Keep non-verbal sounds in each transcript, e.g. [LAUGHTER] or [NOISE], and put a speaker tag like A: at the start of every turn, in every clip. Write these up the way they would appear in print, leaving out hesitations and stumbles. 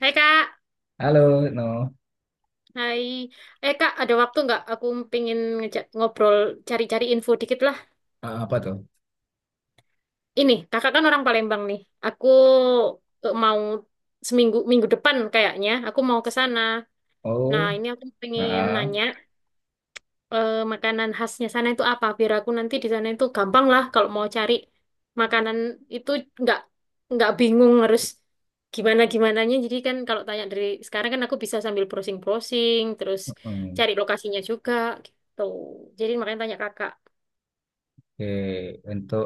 A: Hai Kak,
B: Halo, no.
A: hai. Eh Kak, ada waktu nggak? Aku pingin ngejak ngobrol, cari-cari info dikit lah.
B: Apa tuh?
A: Ini, Kakak kan orang Palembang nih. Aku mau minggu depan kayaknya, aku mau ke sana. Nah,
B: Oh,
A: ini aku pengen
B: ah,
A: nanya, makanan khasnya sana itu apa biar aku nanti di sana itu gampang lah kalau mau cari makanan itu nggak nggak bingung harus gimana gimananya, jadi kan kalau tanya dari sekarang kan aku bisa sambil browsing browsing terus
B: mm.
A: cari lokasinya juga gitu, jadi makanya tanya kakak.
B: Oke. Untuk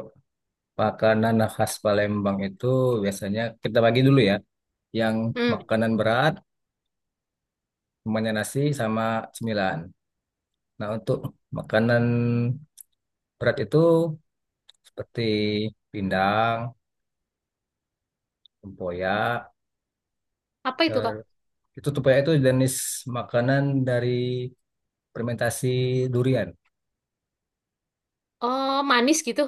B: makanan khas Palembang itu biasanya kita bagi dulu ya. Yang
A: Hmm,
B: makanan berat, semuanya nasi sama cemilan. Nah, untuk makanan berat itu seperti pindang, tempoyak.
A: apa itu Kak?
B: ter- Itu tempoyak itu jenis makanan dari fermentasi durian.
A: Oh, manis gitu.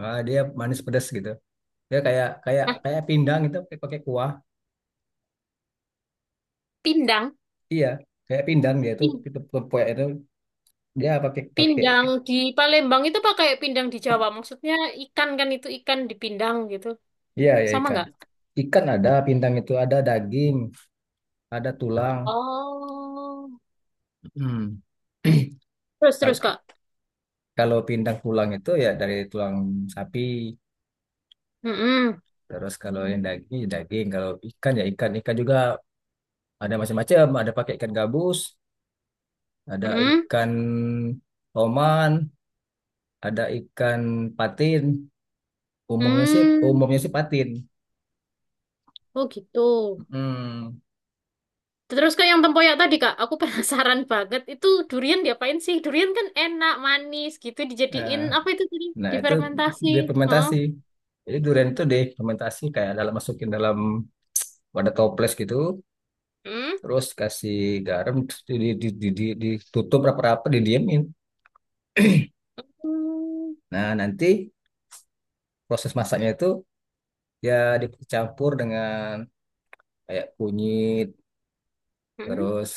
B: Dia manis pedas gitu. Dia kayak kayak
A: Nah,
B: kayak pindang itu pakai pakai kuah.
A: pindang.
B: Iya, kayak pindang dia itu
A: Pin-
B: itu kepoyak itu dia pakai pakai.
A: Pindang di Palembang itu pakai pindang di Jawa maksudnya, ikan kan itu ikan dipindang gitu,
B: Iya ya
A: sama
B: ikan.
A: nggak?
B: Ikan ada, pindang itu ada daging, ada tulang.
A: Oh.
B: Hmm. [CLEARS THROAT]
A: Terus,
B: Kalau
A: terus Kak.
B: kalau pindang tulang itu ya dari tulang sapi.
A: Mm-mm,
B: Terus kalau yang daging ya daging, kalau ikan ya ikan. Ikan juga ada macam-macam, ada pakai ikan gabus, ada
A: mm-mm,
B: ikan oman, ada ikan patin. Umumnya sih umumnya
A: mm.
B: sih patin.
A: Oh gitu.
B: Hmm.
A: Terus ke yang tempoyak tadi Kak, aku [LAUGHS] penasaran banget. Itu durian diapain sih? Durian kan enak, manis gitu,
B: eh.
A: dijadiin apa itu tadi?
B: Nah, itu
A: Difermentasi.
B: dia
A: Heeh.
B: fermentasi. Jadi durian itu difermentasi kayak dalam masukin dalam wadah toples gitu,
A: Hmm.
B: terus kasih garam, terus ditutup rapat-rapat, didiemin.
A: Hmm.
B: Nah, nanti proses masaknya itu ya dicampur dengan kayak kunyit,
A: Hmm.
B: terus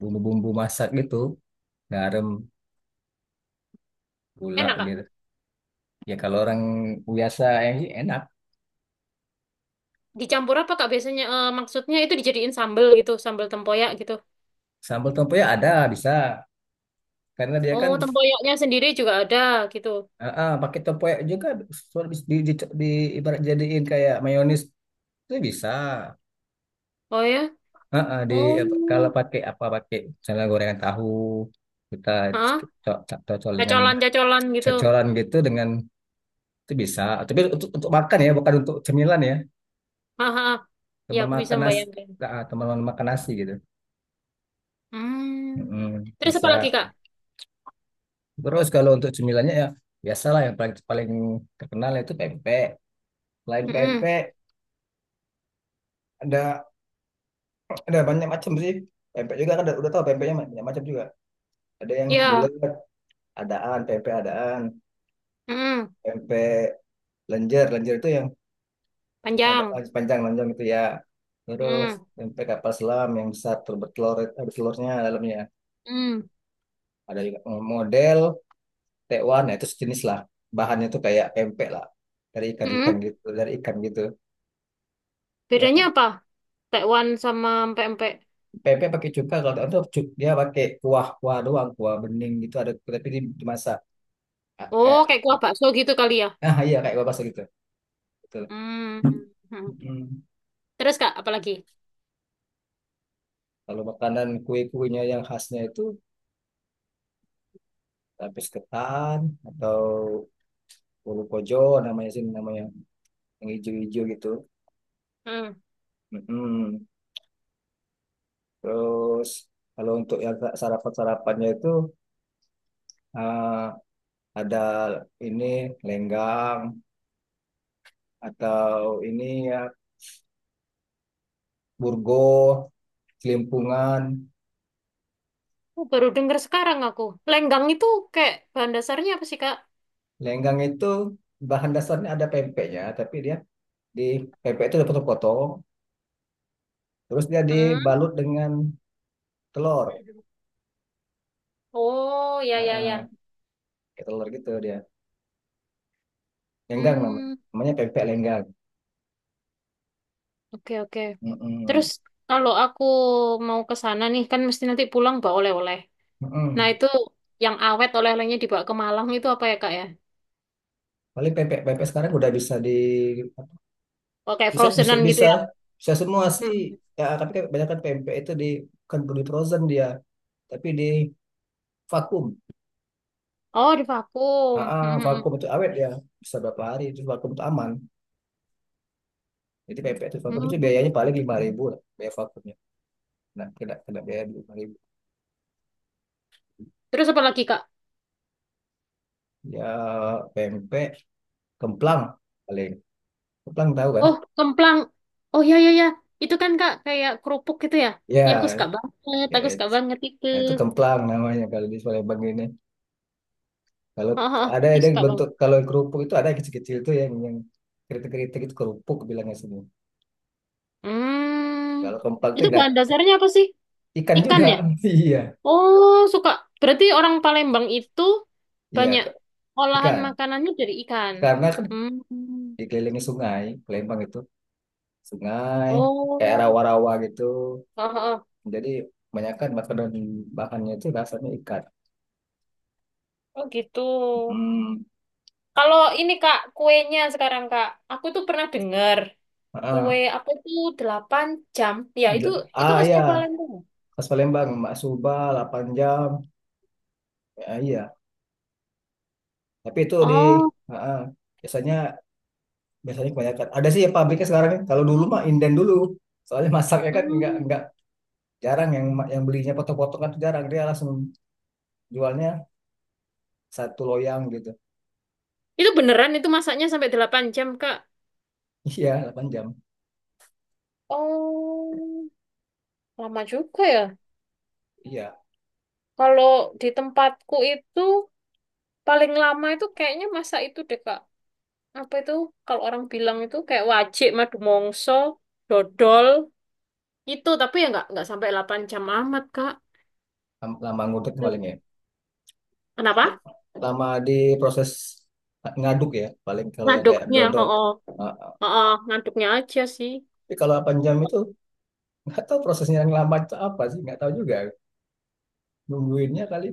B: bumbu-bumbu masak gitu, garam, gula
A: Enak Kak.
B: gitu. Ya kalau orang biasa yang enak,
A: Dicampur apa Kak biasanya? Maksudnya itu dijadiin sambel gitu, sambel tempoyak gitu.
B: sambal tempe ya ada bisa, karena dia
A: Oh,
B: kan
A: tempoyaknya sendiri juga ada gitu.
B: pakai tempoyak juga soal bis- di ibarat jadiin kayak mayonis itu bisa.
A: Oh ya?
B: Di apa, kalau
A: Oh.
B: pakai apa pakai misalnya gorengan tahu kita
A: Hah?
B: cocol dengan
A: Cacolan-cacolan gitu.
B: cocolan gitu dengan itu bisa. Tapi untuk makan ya, bukan untuk cemilan ya.
A: Haha. Ya,
B: Teman
A: aku bisa
B: makan nasi,
A: membayangkan.
B: teman makan nasi gitu.
A: Hmm.
B: Mm-mm,
A: Terus apa lagi,
B: bisa.
A: Kak?
B: Terus kalau untuk cemilannya ya biasalah yang paling paling terkenal itu pempek. Selain
A: Hmm.
B: pempek ada. Ada banyak macam sih. Pempek juga kan udah tahu pempeknya banyak macam juga. Ada yang
A: Ya.
B: bulat, adaan,
A: Hmm.
B: pempek lenjer. Lenjer itu yang agak
A: Panjang.
B: panjang lonjong itu ya. Terus
A: Hmm.
B: pempek kapal selam yang besar bertelur ada telurnya dalamnya.
A: Hmm.
B: Ada juga model tekwan, nah itu sejenis lah. Bahannya itu kayak pempek lah dari ikan-ikan
A: Hmm.
B: gitu, dari ikan gitu. Ya,
A: Bedanya apa? Tekwan sama pempek.
B: pempek pakai cuka kalau itu dia pakai kuah-kuah doang, kuah bening gitu ada tapi dimasak. Ah,
A: Oh,
B: kayak
A: kayak kuah bakso gitu kali ya.
B: nah iya kayak gua gitu. Betul.
A: Hmm. Hmm.
B: Hmm.
A: Terus, Kak, apa lagi?
B: Kalau makanan kue-kuenya yang khasnya itu lapis ketan atau ulu kojo namanya yang hijau-hijau gitu.
A: Hmm.
B: Mm-mm. Terus kalau untuk yang sarapan-sarapannya itu ah, ada ini lenggang atau ini ya burgo, kelimpungan.
A: Oh, baru dengar sekarang aku. Lenggang itu kayak bahan dasarnya apa sih, Kak?
B: Lenggang itu bahan dasarnya ada pempeknya, tapi dia di pempek itu dipotong-potong, terus dia
A: Hmm.
B: dibalut dengan telur.
A: Oh, ya,
B: Nah,
A: ya, ya.
B: kayak telur gitu dia. Lenggang namanya.
A: Hmm.
B: Namanya pempek lenggang.
A: Oke, oke.
B: Mm-mm.
A: Terus, kalau aku mau ke sana nih kan mesti nanti pulang bawa oleh-oleh. Nah,
B: Mm-mm.
A: itu yang awet oleh-olehnya dibawa ke Malang itu apa ya, Kak ya?
B: Paling pempek pempek sekarang udah bisa di
A: Oh, kayak
B: bisa bisa
A: frozenan gitu
B: bisa
A: ya.
B: bisa semua sih.
A: Mm-mm.
B: Ya, tapi kan kebanyakan pempek itu di bukan di frozen dia, tapi di vakum.
A: Oh, di vakum. Mm-mm.
B: Vakum itu awet ya. Bisa berapa hari itu vakum itu aman. Jadi pempek itu vakum itu
A: Mm.
B: biayanya paling lima ribu lah, biaya vakumnya. Nah, kena kena biaya lima ribu.
A: Terus apa lagi, Kak?
B: Ya pempek kemplang paling. Kemplang tahu kan?
A: Oh, kemplang. Oh, ya, ya, ya. Itu kan Kak, kayak kerupuk gitu ya. Ya, aku
B: Ya,
A: suka banget.
B: ya
A: Aku suka
B: itu.
A: banget itu.
B: Nah, itu kemplang namanya kalau di Palembang ini. Kalau
A: Ah, ah, ah.
B: ada
A: Aku
B: ada yang
A: suka banget.
B: bentuk kalau yang kerupuk itu ada yang kecil-kecil tuh yang kritik-kritik itu kerupuk bilangnya sini.
A: Hmm.
B: Kalau kemplang itu
A: Itu
B: yang
A: bahan dasarnya apa sih?
B: ikan
A: Ikan
B: juga.
A: ya?
B: [LAUGHS] Iya.
A: Oh, suka. Berarti orang Palembang itu
B: Iya,
A: banyak olahan
B: ikan.
A: makanannya dari ikan.
B: Karena kan
A: Hmm.
B: dikelilingi sungai, Palembang itu sungai kayak
A: Oh.
B: rawa-rawa gitu.
A: Heeh.
B: Jadi kebanyakan makanan bahannya itu rasanya ikan.
A: Oh gitu.
B: Hmm.
A: Kalau ini Kak, kuenya sekarang Kak, aku tuh pernah dengar kue
B: Ah,
A: apa tuh 8 jam. Ya, itu
B: Gila.
A: itu
B: ah
A: khasnya
B: ya
A: Palembang.
B: khas Palembang, Mak Suba, 8 jam. Ya, iya, tapi itu di
A: Oh,
B: ah, ah. biasanya biasanya kebanyakan ada sih ya pabriknya sekarang ya. Kalau dulu mah inden dulu soalnya [LAUGHS] masaknya kan nggak
A: hmm.
B: nggak jarang yang belinya potong-potong kan tuh jarang dia langsung jualnya satu loyang gitu.
A: Itu beneran itu masaknya sampai 8 jam, Kak?
B: [LAUGHS] Iya 8 jam,
A: Oh, lama juga ya.
B: iya.
A: Kalau di tempatku itu paling lama itu kayaknya masa itu deh, Kak. Apa itu? Kalau orang bilang itu kayak wajik, madu mongso, dodol, itu tapi ya nggak sampai 8 jam amat, Kak.
B: Lama ngudek paling
A: Itu-
B: ya,
A: Kenapa?
B: lama di proses ngaduk ya paling kalau yang kayak dodol.
A: Oh,
B: Ah,
A: oh, ngaduknya aja sih.
B: tapi kalau 8 jam itu nggak tahu prosesnya yang lama itu apa sih, nggak tahu juga, nungguinnya kali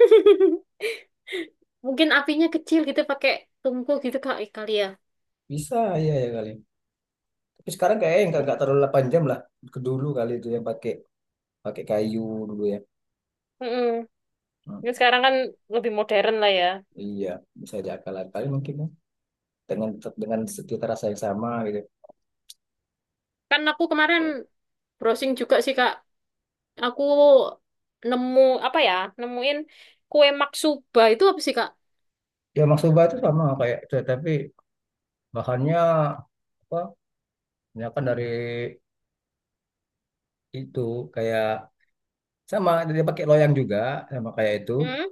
A: [LAUGHS] Mungkin apinya kecil gitu, pakai tungku gitu, kali kali ya.
B: bisa, iya ya kali, tapi sekarang kayaknya nggak terlalu 8 jam lah, ke dulu kali itu yang pakai pakai kayu dulu
A: Mm-mm.
B: ya.
A: Ini sekarang kan lebih modern lah ya.
B: Iya, bisa diakal akali mungkin ya. Dengan dengan cita rasa yang sama gitu.
A: Kan aku kemarin browsing juga sih Kak, aku nemu apa ya nemuin kue maksuba itu apa sih Kak?
B: Ya maksoba itu sama kayak itu, tapi bahannya apa? Misalkan dari itu kayak sama dia pakai loyang juga sama kayak itu.
A: Hmm?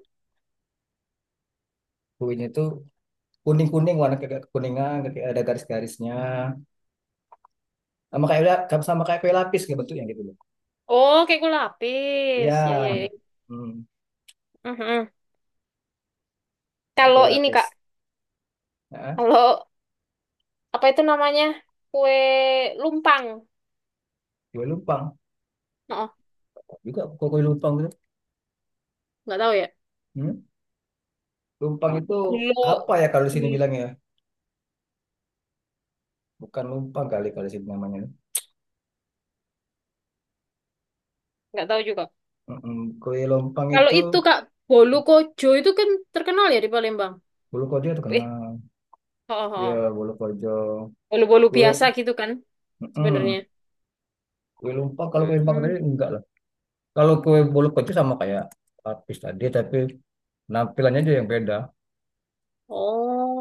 B: Kuenya itu kuning-kuning warna kayak kekuningan, kayak ada garis-garisnya. Sama kayak sama kayak kue lapis kayak bentuknya gitu loh.
A: Oh, kayak kue lapis. Ya, ya,
B: Ya,
A: ya.
B: hmm,
A: Mhm.
B: kayak kue
A: Kalau ini,
B: lapis.
A: Kak.
B: Nah,
A: Kalau apa itu namanya? Kue lumpang.
B: kue lumpang
A: Oh,
B: juga kue kue lumpang gitu.
A: nggak tahu ya.
B: Hmm? Lumpang itu
A: Gulo.
B: apa ya kalau di sini bilangnya? Bukan lumpang kali kalau sih namanya.
A: Nggak tahu juga.
B: Mm-mm. Kue lompang
A: Kalau
B: itu
A: itu Kak, bolu kojo itu kan terkenal ya di Palembang.
B: bulu kojo
A: Eh,
B: terkenal.
A: oh, oh,
B: Ya
A: oh.
B: bulu kojo.
A: Bolu-bolu biasa
B: Kue,
A: gitu kan
B: mm-mm.
A: sebenarnya.
B: Kue lumpang, kalau kue lumpang tadi
A: Mm-mm.
B: enggak lah. Kalau kue bulu kojo sama kayak lapis tadi, tapi penampilannya aja yang beda.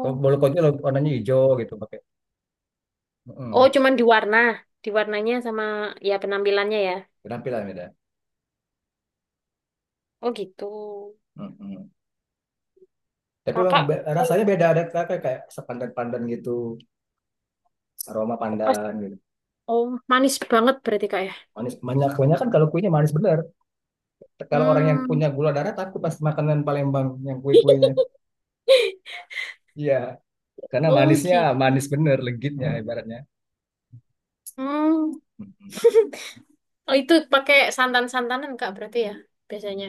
B: Kalau bulu kojo warnanya hijau gitu pakai.
A: oh
B: Mm-mm.
A: cuman di warnanya sama ya penampilannya ya.
B: Penampilan beda.
A: Oh gitu.
B: Mm-mm. Tapi memang
A: Kakak, eh,
B: rasanya beda, ada kayak kayak sepandan-pandan gitu, aroma
A: pas,
B: pandan gitu.
A: oh, manis banget berarti Kak ya.
B: Manis, banyak banyak kan kalau kuenya manis bener. Kalau orang yang
A: Hmm.
B: punya gula darah takut pas makanan Palembang yang kue-kuenya.
A: [LAUGHS]
B: Iya, karena
A: Oh
B: manisnya
A: gitu.
B: manis bener legitnya. Hmm. Ibaratnya.
A: Hmm.
B: Mm-mm.
A: Oh, itu pakai santan-santanan Kak berarti ya biasanya.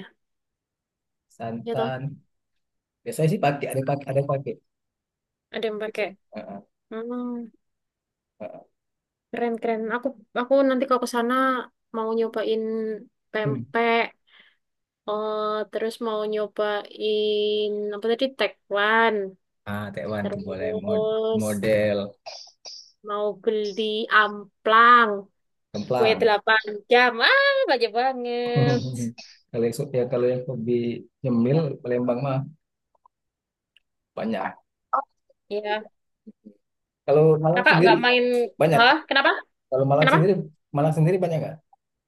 A: Ya toh,
B: Santan. Biasanya sih pakai, ada yang pakai, ada yang pakai
A: ada yang
B: gitu.
A: pakai.
B: Heeh,
A: Hmm.
B: heeh.
A: Keren, keren. Aku nanti kalau ke sana mau nyobain
B: Hmm.
A: pempek, eh, terus mau nyobain apa tadi tekwan,
B: Taiwan tuh
A: terus
B: boleh. Model
A: mau beli amplang, kue
B: kemplang.
A: delapan jam. Ah, banyak banget.
B: [LAUGHS] Kalau yang ya kalau yang lebih nyemil Palembang mah banyak.
A: Iya,
B: Kalau Malang
A: kakak
B: sendiri
A: nggak main?
B: banyak.
A: Hah?
B: Pak.
A: Kenapa?
B: Kalau
A: Kenapa?
B: Malang sendiri banyak nggak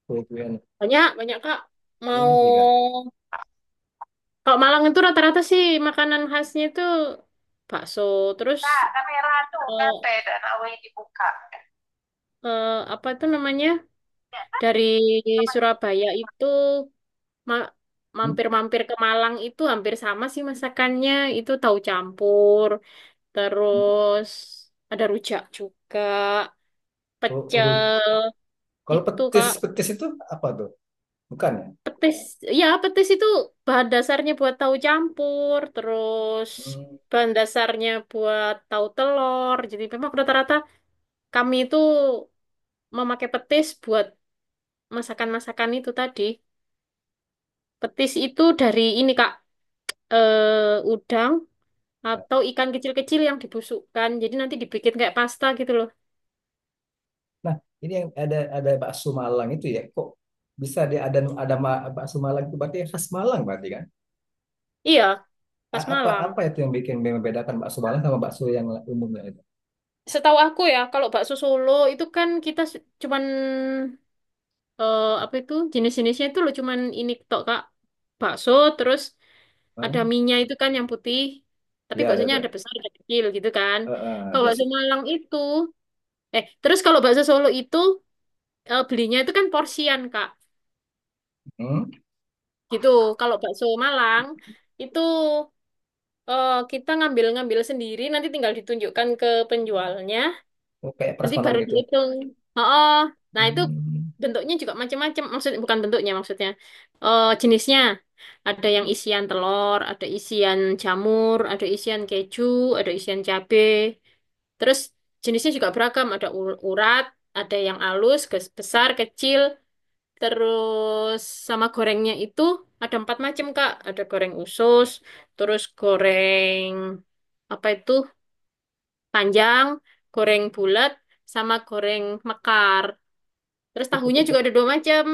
B: kue-kuean?
A: Banyak, banyak Kak. Mau
B: Banyak juga.
A: Kalau Malang itu rata-rata sih makanan khasnya itu bakso, terus
B: Kak, kamera tuh
A: eh,
B: ngapain dan awalnya dibuka.
A: apa itu namanya?
B: Ya,
A: Dari
B: sama.
A: Surabaya itu ma- mampir-mampir ke Malang itu hampir sama sih masakannya. Itu tahu campur, terus ada rujak juga,
B: Hmm?
A: pecel
B: Kalau
A: gitu
B: petis,
A: Kak.
B: petis itu apa tuh? Bukan ya?
A: Petis, ya petis itu bahan dasarnya buat tahu campur, terus
B: Hmm.
A: bahan dasarnya buat tahu telur. Jadi memang rata-rata kami itu memakai petis buat masakan-masakan itu tadi. Petis itu dari ini Kak, udang atau ikan kecil-kecil yang dibusukkan. Jadi nanti dibikin kayak pasta gitu loh.
B: Nah, ini yang ada bakso Malang itu ya. Kok bisa dia ada bakso Malang itu berarti khas Malang berarti kan?
A: Iya, khas
B: Apa
A: Malang.
B: apa itu yang bikin membedakan bakso Malang sama bakso yang umumnya itu?
A: Setahu aku ya, kalau bakso Solo itu kan kita cuman apa itu jenis-jenisnya itu loh cuman ini tok Kak. Bakso terus ada
B: Hmm.
A: minyak itu kan yang putih. Tapi
B: Ya, ada
A: baksonya
B: tuh.
A: ada besar, ada kecil gitu kan.
B: Eh, eh,
A: Kalau bakso
B: basic.
A: Malang itu Kalau bakso Solo itu belinya itu kan porsian Kak.
B: Hmm.
A: Gitu. Kalau bakso Malang itu kita ngambil-ngambil sendiri, nanti tinggal ditunjukkan ke penjualnya,
B: Oh, kayak
A: nanti
B: prasmanan
A: baru
B: gitu.
A: dihitung. Oh, oh. Nah itu
B: Hmm.
A: bentuknya juga macam-macam, maksud bukan bentuknya maksudnya, jenisnya. Ada yang isian telur, ada isian jamur, ada isian keju, ada isian cabe. Terus jenisnya juga beragam, ada urat, ada yang halus, besar, kecil. Terus sama gorengnya itu ada empat macam, Kak. Ada goreng usus, terus goreng apa itu panjang, goreng bulat, sama goreng mekar. Terus tahunya juga ada dua macam,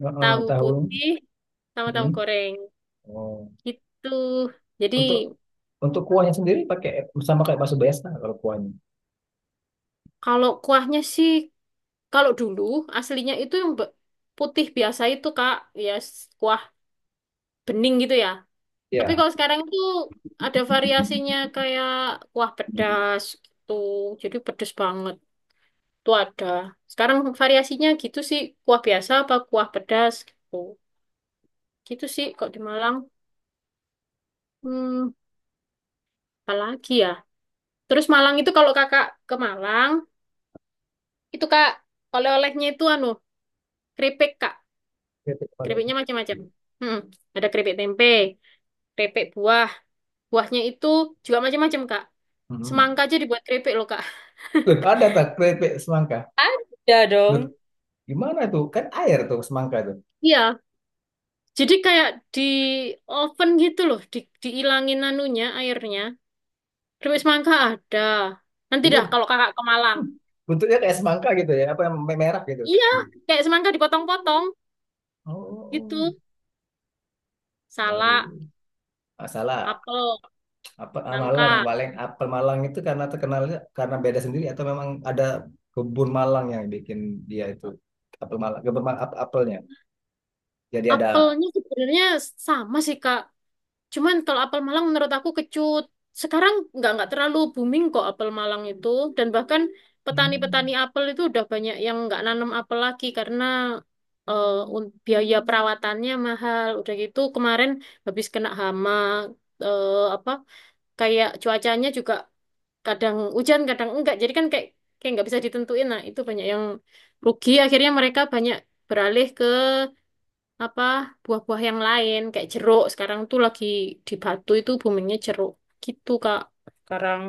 B: Heeh,
A: tahu
B: tahu.
A: putih sama tahu
B: Mm.
A: goreng.
B: Oh.
A: Gitu. Jadi
B: Untuk untuk kuahnya sendiri pakai sama kayak bakso biasa kalau kuahnya.
A: kalau kuahnya sih, kalau dulu aslinya itu yang putih biasa itu, Kak. Ya kuah bening gitu ya. Tapi
B: Ya.
A: kalau sekarang itu ada variasinya kayak kuah pedas gitu. Jadi pedas banget. Itu ada. Sekarang variasinya gitu sih. Kuah biasa apa kuah pedas gitu. Gitu sih kok di Malang. Hmm, apa lagi ya? Terus Malang itu kalau kakak ke Malang, itu Kak oleh-olehnya itu anu, keripik Kak.
B: Oke, apa dong?
A: Keripiknya macam-macam. Hmm, ada keripik tempe, keripik buah. Buahnya itu juga macam-macam Kak.
B: Mm.
A: Semangka aja dibuat keripik loh Kak.
B: Loh, ada tak keripik semangka?
A: [LAUGHS] Ada
B: Loh,
A: dong.
B: gimana tuh? Kan air tuh semangka tuh.
A: Iya, jadi kayak di oven gitu loh, diilangin anunya airnya. Keripik semangka ada. Nanti
B: Jadi
A: dah kalau kakak ke Malang.
B: bentuknya kayak semangka gitu ya, apa yang merah gitu.
A: Iya, kayak semangka dipotong-potong gitu.
B: Oh, baru
A: Salak,
B: ini. Ah,
A: apel,
B: Apa ah, Malang
A: nangka.
B: paling apel Malang itu karena terkenalnya karena beda sendiri atau memang ada kebun Malang yang bikin dia itu apel Malang, kebun Malang, apelnya. Jadi ada
A: Apelnya sebenarnya sama sih Kak, cuman kalau apel Malang menurut aku kecut. Sekarang nggak terlalu booming kok apel Malang itu, dan bahkan
B: hmm,
A: petani-petani apel itu udah banyak yang nggak nanam apel lagi karena eh, biaya perawatannya mahal. Udah gitu kemarin habis kena hama, eh, apa kayak cuacanya juga kadang hujan kadang enggak. Jadi kan kayak kayak nggak bisa ditentuin. Nah, itu banyak yang rugi akhirnya mereka banyak beralih apa buah-buah yang lain kayak jeruk sekarang tuh lagi di Batu itu boomingnya jeruk gitu Kak sekarang.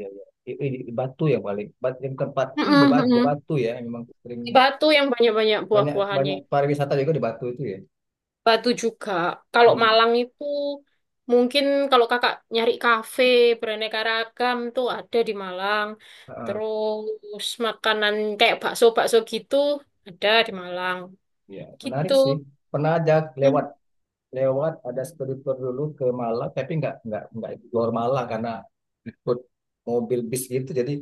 B: ya, ya. Batu ya paling. Batu yang tempatnya di
A: Mm-mm,
B: Batu,
A: mm-mm.
B: Batu ya, memang sering
A: Di Batu yang banyak-banyak
B: banyak
A: buah-buahannya.
B: banyak pariwisata juga di Batu itu ya.
A: Batu juga, kalau
B: Hmm.
A: Malang itu mungkin kalau kakak nyari kafe beraneka ragam tuh ada di Malang,
B: Ah, ah.
A: terus makanan kayak bakso-bakso gitu ada di Malang
B: Iya. Menarik
A: gitu.
B: sih. Pernah aja
A: Hmm.
B: lewat lewat ada studi tour dulu ke Malang, tapi nggak explore Malang karena ikut mobil bis gitu. Jadi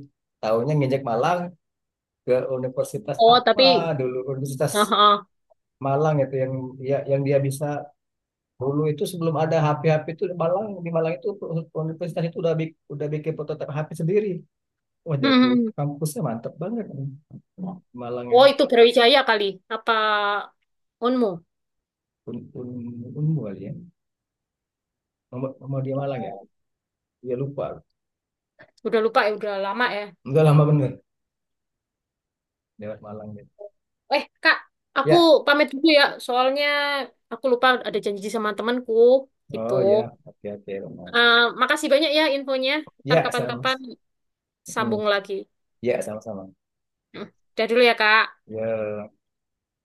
B: tahunya ngejek Malang ke universitas
A: Oh
B: apa
A: tapi
B: dulu. Universitas
A: [LAUGHS]
B: Malang itu yang ya, yang dia bisa dulu itu sebelum ada HP-HP itu di Malang itu universitas itu udah udah bikin prototipe HP sendiri. Wah jago,
A: heeh.
B: kampusnya mantep banget nih. Malang yang
A: Oh, itu Brawijaya kali. Apa Onmu?
B: un, un, unmu kali ya. Nomor dia Malang ya.
A: Oh,
B: Dia lupa.
A: udah lupa ya, udah lama ya.
B: Udah lama bener lewat Malang gitu.
A: Eh Kak, aku
B: Ya,
A: pamit dulu ya. Soalnya aku lupa ada janji sama temanku gitu.
B: oh ya, oke oke. Malang.
A: Eh, makasih banyak ya infonya. Ntar
B: Ya sama,
A: kapan-kapan
B: hmm.
A: sambung lagi.
B: Ya sama-sama.
A: Hmm, udah dulu ya, Kak.
B: Ya.